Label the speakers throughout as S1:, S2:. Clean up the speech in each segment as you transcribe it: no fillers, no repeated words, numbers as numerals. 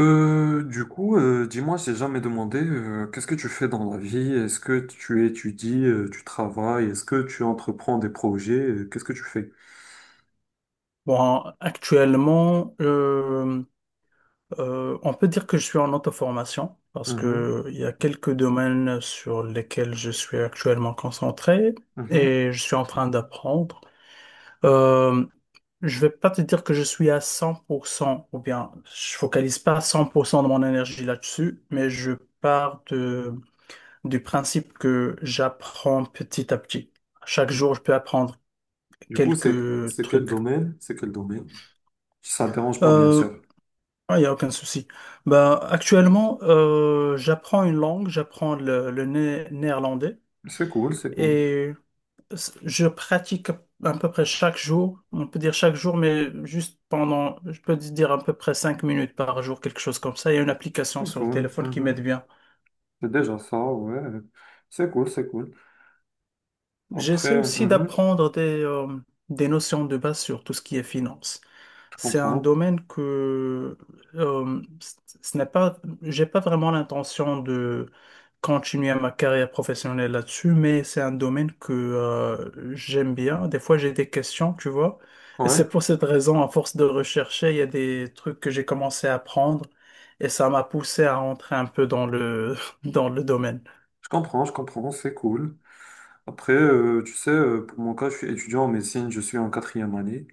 S1: Dis-moi, j'ai jamais demandé, qu'est-ce que tu fais dans la vie? Est-ce que tu étudies, tu travailles? Est-ce que tu entreprends des projets? Qu'est-ce que tu fais?
S2: Bon, actuellement, on peut dire que je suis en auto-formation parce
S1: Mhm,
S2: que il y a quelques domaines sur lesquels je suis actuellement concentré
S1: mhm.
S2: et je suis en train d'apprendre. Euh, je vais pas te dire que je suis à 100% ou bien je focalise pas 100% de mon énergie là-dessus, mais je pars de, du principe que j'apprends petit à petit. Chaque jour, je peux apprendre
S1: Du coup, c'est
S2: quelques
S1: c'est quel
S2: trucs.
S1: domaine? C'est quel domaine? Si ça te dérange pas, bien
S2: Euh,
S1: sûr.
S2: Ah, il n'y a aucun souci. Ben, actuellement, j'apprends une langue, j'apprends le néerlandais
S1: C'est cool, c'est cool,
S2: et je pratique à peu près chaque jour, on peut dire chaque jour, mais juste pendant, je peux dire à peu près 5 minutes par jour, quelque chose comme ça. Il y a une application
S1: c'est
S2: sur le
S1: cool.
S2: téléphone qui
S1: Mhm.
S2: m'aide bien.
S1: C'est déjà ça, ouais. C'est cool, c'est cool.
S2: J'essaie
S1: Après,
S2: aussi
S1: mhm,
S2: d'apprendre des notions de base sur tout ce qui est finance.
S1: je
S2: C'est un
S1: comprends.
S2: domaine que euh, c- ce n'est pas, j'ai pas vraiment l'intention de continuer ma carrière professionnelle là-dessus, mais c'est un domaine que j'aime bien. Des fois, j'ai des questions, tu vois. Et
S1: Ouais,
S2: c'est pour cette raison, à force de rechercher, il y a des trucs que j'ai commencé à apprendre et ça m'a poussé à rentrer un peu dans le dans le domaine.
S1: je comprends, c'est cool. Après, tu sais, pour mon cas, je suis étudiant en médecine, je suis en 4e année.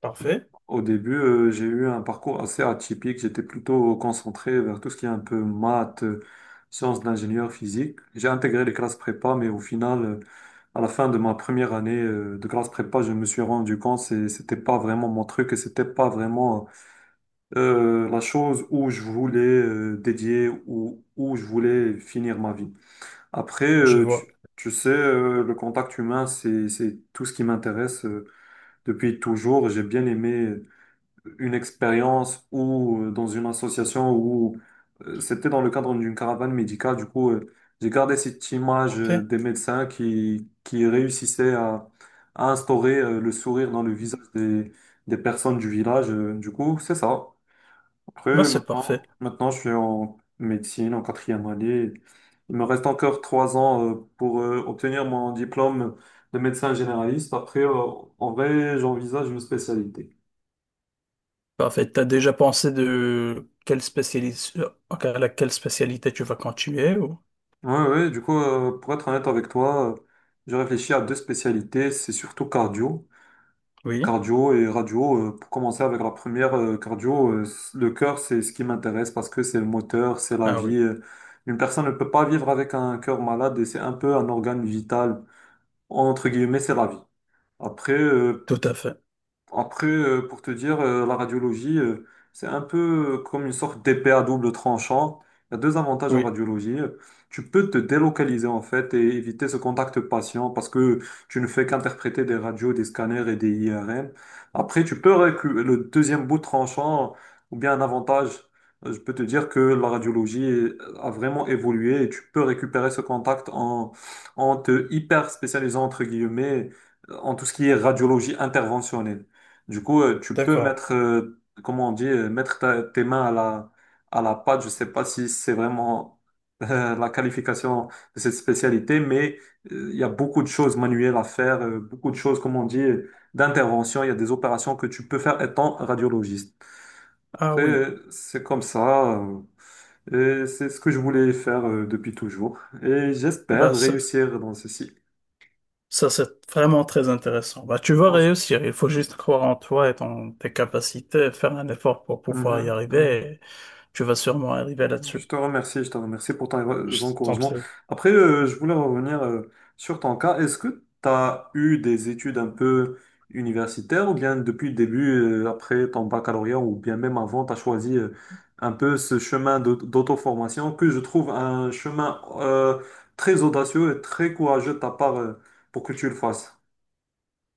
S2: Parfait,
S1: Au début, j'ai eu un parcours assez atypique. J'étais plutôt concentré vers tout ce qui est un peu maths, sciences d'ingénieur physique. J'ai intégré les classes prépa, mais au final, à la fin de ma 1re année de classe prépa, je me suis rendu compte que c'était pas vraiment mon truc et c'était pas vraiment la chose où je voulais dédier ou où je voulais finir ma vie. Après,
S2: je vois.
S1: tu sais, le contact humain, c'est tout ce qui m'intéresse depuis toujours. J'ai bien aimé une expérience ou dans une association où c'était dans le cadre d'une caravane médicale. Du coup, j'ai gardé cette image
S2: Parfait.
S1: des médecins qui réussissaient à instaurer le sourire dans le visage des personnes du village. Du coup, c'est ça.
S2: Ben,
S1: Après,
S2: c'est parfait.
S1: maintenant, je suis en médecine, en 4e année. Il me reste encore 3 ans pour obtenir mon diplôme de médecin généraliste. Après, en vrai, j'envisage une spécialité.
S2: Parfait. T'as déjà pensé de quelle spécialité, à laquelle spécialité tu vas continuer ou...
S1: Ouais, ouais, du coup, pour être honnête avec toi, j'ai réfléchi à 2 spécialités, c'est surtout
S2: Oui.
S1: cardio et radio. Euh, pour commencer avec la première, le cœur, c'est ce qui m'intéresse parce que c'est le moteur, c'est la
S2: Ah
S1: vie.
S2: oui,
S1: Une personne ne peut pas vivre avec un cœur malade et c'est un peu un organe vital. Entre guillemets, c'est la vie. Après, euh,
S2: tout à fait.
S1: après, pour te dire, la radiologie, c'est un peu comme une sorte d'épée à double tranchant. Il y a 2 avantages en
S2: Oui,
S1: radiologie. Tu peux te délocaliser en fait et éviter ce contact patient parce que tu ne fais qu'interpréter des radios, des scanners et des IRM. Après, le deuxième bout tranchant ou bien un avantage. Je peux te dire que a vraiment évolué et tu peux récupérer ce contact en te hyper spécialisant entre guillemets en tout ce qui est radiologie interventionnelle. Du coup, tu peux
S2: d'accord.
S1: mettre, comment on dit, tes mains à à la pâte. Je sais pas si c'est vraiment la qualification de cette spécialité, mais il y a beaucoup de choses manuelles à faire, beaucoup de choses, comme on dit, d'intervention. Il y a des opérations que tu peux faire étant radiologiste.
S2: Ah
S1: Après,
S2: oui,
S1: c'est comme ça. Et c'est ce que je voulais faire depuis toujours. Et j'espère
S2: bah ça,
S1: réussir dans ceci.
S2: ça, c'est vraiment très intéressant. Bah tu vas
S1: Bonsoir.
S2: réussir. Il faut juste croire en toi et tes capacités, faire un effort pour pouvoir y
S1: Mhm,
S2: arriver,
S1: mhm.
S2: et tu vas sûrement arriver là-dessus.
S1: Je te remercie pour tes
S2: Je t'en
S1: encouragements.
S2: prie.
S1: Après, je voulais revenir sur ton cas. Est-ce que tu as eu des études un peu universitaires ou bien depuis le début, après ton baccalauréat ou bien même avant, tu as choisi un peu ce chemin d'auto-formation que je trouve un chemin très audacieux et très courageux de ta part pour que tu le fasses?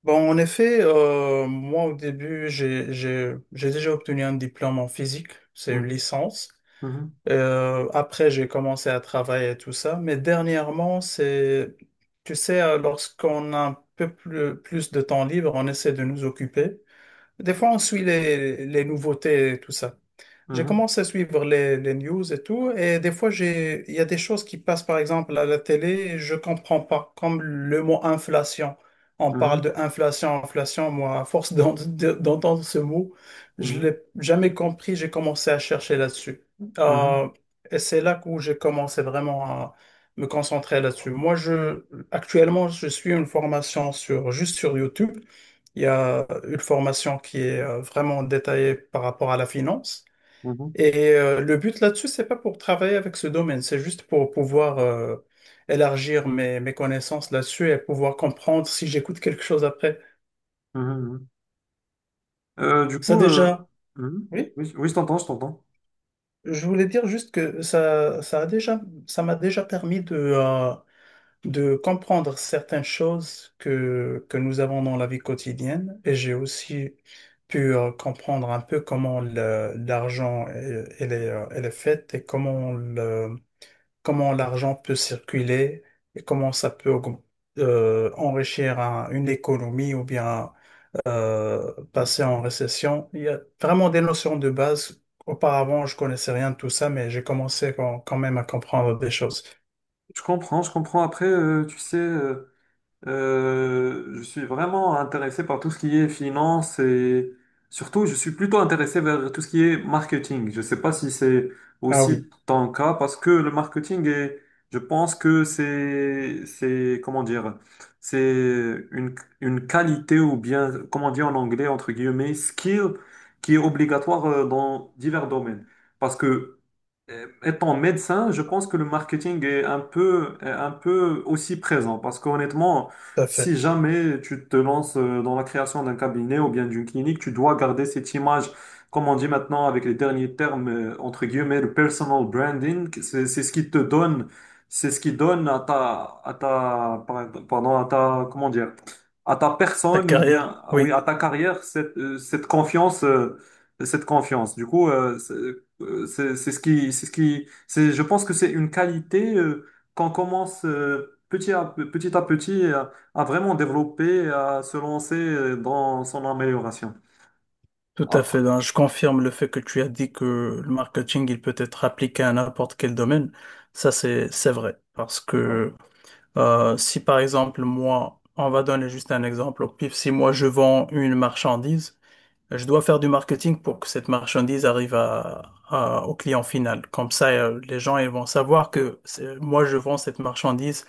S2: Bon, en effet, moi au début, j'ai déjà obtenu un diplôme en physique. C'est une
S1: Mhm,
S2: licence.
S1: mhm,
S2: Après, j'ai commencé à travailler et tout ça. Mais dernièrement, c'est, tu sais, lorsqu'on a un peu plus de temps libre, on essaie de nous occuper. Des fois, on suit les nouveautés et tout ça. J'ai
S1: mhm,
S2: commencé à suivre les news et tout, et des fois, j'ai, il y a des choses qui passent, par exemple, à la télé, je comprends pas, comme le mot inflation. On parle
S1: mhm,
S2: de inflation, inflation, moi, à force d'entendre ce mot, je
S1: mhm,
S2: l'ai jamais compris, j'ai commencé à chercher là-dessus.
S1: mhm,
S2: Euh, et c'est là où j'ai commencé vraiment à me concentrer là-dessus. Actuellement, je suis une formation sur, juste sur YouTube. Il y a une formation qui est vraiment détaillée par rapport à la finance.
S1: mhm,
S2: Et le but là-dessus, c'est pas pour travailler avec ce domaine, c'est juste pour pouvoir élargir mes connaissances là-dessus et pouvoir comprendre si j'écoute quelque chose après.
S1: mhm, mhm. Euh, du
S2: Ça
S1: coup, euh,
S2: déjà,
S1: mhm.
S2: oui,
S1: Oui, oui, je t'entends, je t'entends.
S2: je voulais dire juste que ça m'a déjà permis de comprendre certaines choses que nous avons dans la vie quotidienne. Et j'ai aussi pu comprendre un peu comment l'argent elle est faite et comment comment l'argent peut circuler et comment ça peut enrichir une économie ou bien passer en récession. Il y a vraiment des notions de base. Auparavant, je connaissais rien de tout ça, mais j'ai commencé quand même à comprendre des choses.
S1: Je comprends, je comprends. Après, je suis vraiment intéressé par tout ce qui est finance et surtout, je suis plutôt intéressé vers tout ce qui est marketing. Je ne sais pas si c'est
S2: Ah oui,
S1: aussi ton cas parce que le marketing est, je pense que c'est, comment dire, c'est une qualité ou bien, comment dire en anglais, entre guillemets, skill qui est obligatoire dans divers domaines. Parce que Étant médecin, je pense que le marketing est un peu aussi présent parce qu'honnêtement,
S2: tout à
S1: si
S2: fait.
S1: jamais tu te lances dans la création d'un cabinet ou bien d'une clinique, tu dois garder cette image, comme on dit maintenant avec les derniers termes, entre guillemets, le personal branding, c'est ce qui te donne, c'est ce qui donne à ta, pardon, à ta, comment dire, à ta
S2: Ta
S1: personne ou
S2: carrière,
S1: bien, oui,
S2: oui,
S1: à ta carrière, cette confiance, cette confiance. Du coup, c'est ce qui, c'est, je pense que c'est une qualité qu'on commence petit à petit à petit vraiment développer, à se lancer dans son amélioration.
S2: tout à fait,
S1: Après,
S2: hein. Je confirme le fait que tu as dit que le marketing, il peut être appliqué à n'importe quel domaine. Ça, c'est vrai. Parce que si par exemple, moi, on va donner juste un exemple au pif, si moi je vends une marchandise, je dois faire du marketing pour que cette marchandise arrive au client final. Comme ça, les gens ils vont savoir que moi je vends cette marchandise,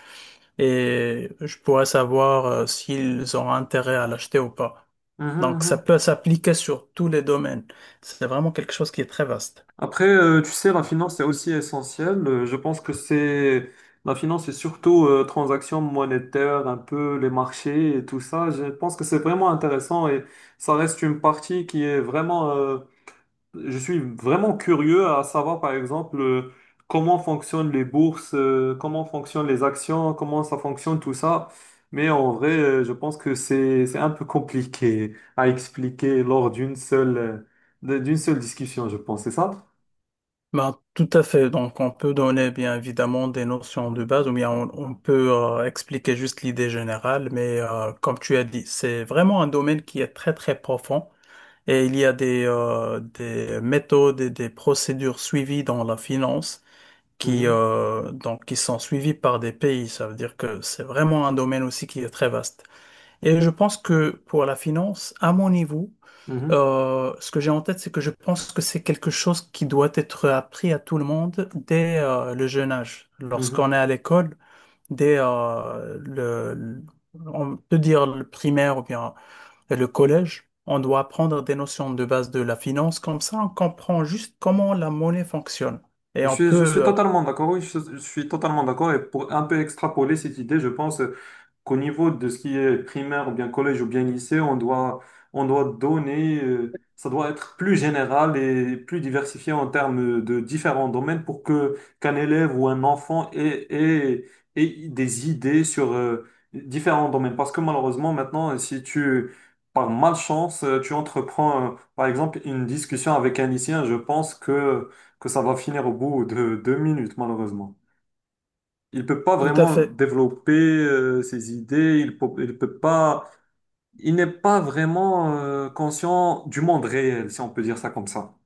S2: et je pourrais savoir s'ils ont intérêt à l'acheter ou pas.
S1: mhm,
S2: Donc ça
S1: mhm.
S2: peut s'appliquer sur tous les domaines. C'est vraiment quelque chose qui est très vaste.
S1: Après tu sais, la finance est aussi essentielle. Je pense que c'est la finance, c'est surtout transactions monétaires, un peu les marchés et tout ça. Je pense que c'est vraiment intéressant et ça reste une partie qui est vraiment. Je suis vraiment curieux à savoir, par exemple, comment fonctionnent les bourses, comment fonctionnent les actions, comment ça fonctionne tout ça. Mais en vrai, je pense que c'est un peu compliqué à expliquer lors d'une seule discussion, je pense. C'est ça?
S2: Ben, tout à fait. Donc, on peut donner bien évidemment des notions de base ou bien on peut expliquer juste l'idée générale, mais comme tu as dit, c'est vraiment un domaine qui est très très profond, et il y a des méthodes et des procédures suivies dans la finance
S1: Mhm,
S2: qui sont suivies par des pays. Ça veut dire que c'est vraiment un domaine aussi qui est très vaste. Et je pense que pour la finance, à mon niveau,
S1: mhm,
S2: ce que j'ai en tête, c'est que je pense que c'est quelque chose qui doit être appris à tout le monde dès le jeune âge. Lorsqu'on
S1: mhm.
S2: est à l'école, dès on peut dire le primaire ou bien le collège, on doit apprendre des notions de base de la finance. Comme ça, on comprend juste comment la monnaie fonctionne. Et on
S1: Je suis
S2: peut
S1: totalement d'accord, oui, je suis totalement d'accord. Et pour un peu extrapoler cette idée, je pense qu'au niveau de ce qui est primaire, ou bien collège, ou bien lycée, on doit donner, ça doit être plus général et plus diversifié en termes de différents domaines pour que qu'un élève ou un enfant ait des idées sur différents domaines. Parce que malheureusement, maintenant, si tu, par malchance, tu entreprends, par exemple, une discussion avec un lycéen, je pense que ça va finir au bout de 2 minutes, malheureusement. Il peut pas
S2: tout à
S1: vraiment
S2: fait,
S1: développer ses idées, il peut pas, il n'est pas vraiment conscient du monde réel, si on peut dire ça comme ça.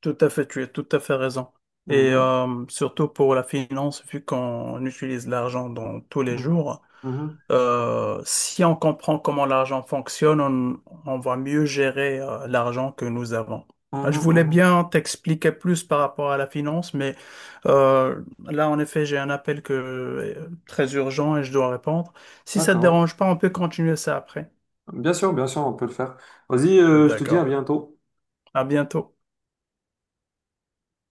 S2: tout à fait, tu as tout à fait raison. Et
S1: Mhm,
S2: surtout pour la finance, vu qu'on utilise l'argent dans tous les
S1: mhm,
S2: jours.
S1: mhm,
S2: Si on comprend comment l'argent fonctionne, on va mieux gérer l'argent que nous avons.
S1: mhm,
S2: Je voulais
S1: mhm.
S2: bien t'expliquer plus par rapport à la finance, mais là, en effet, j'ai un appel très urgent et je dois répondre. Si ça te
S1: D'accord.
S2: dérange pas, on peut continuer ça après.
S1: Bien sûr, on peut le faire. Vas-y, je te dis à
S2: D'accord.
S1: bientôt.
S2: À bientôt.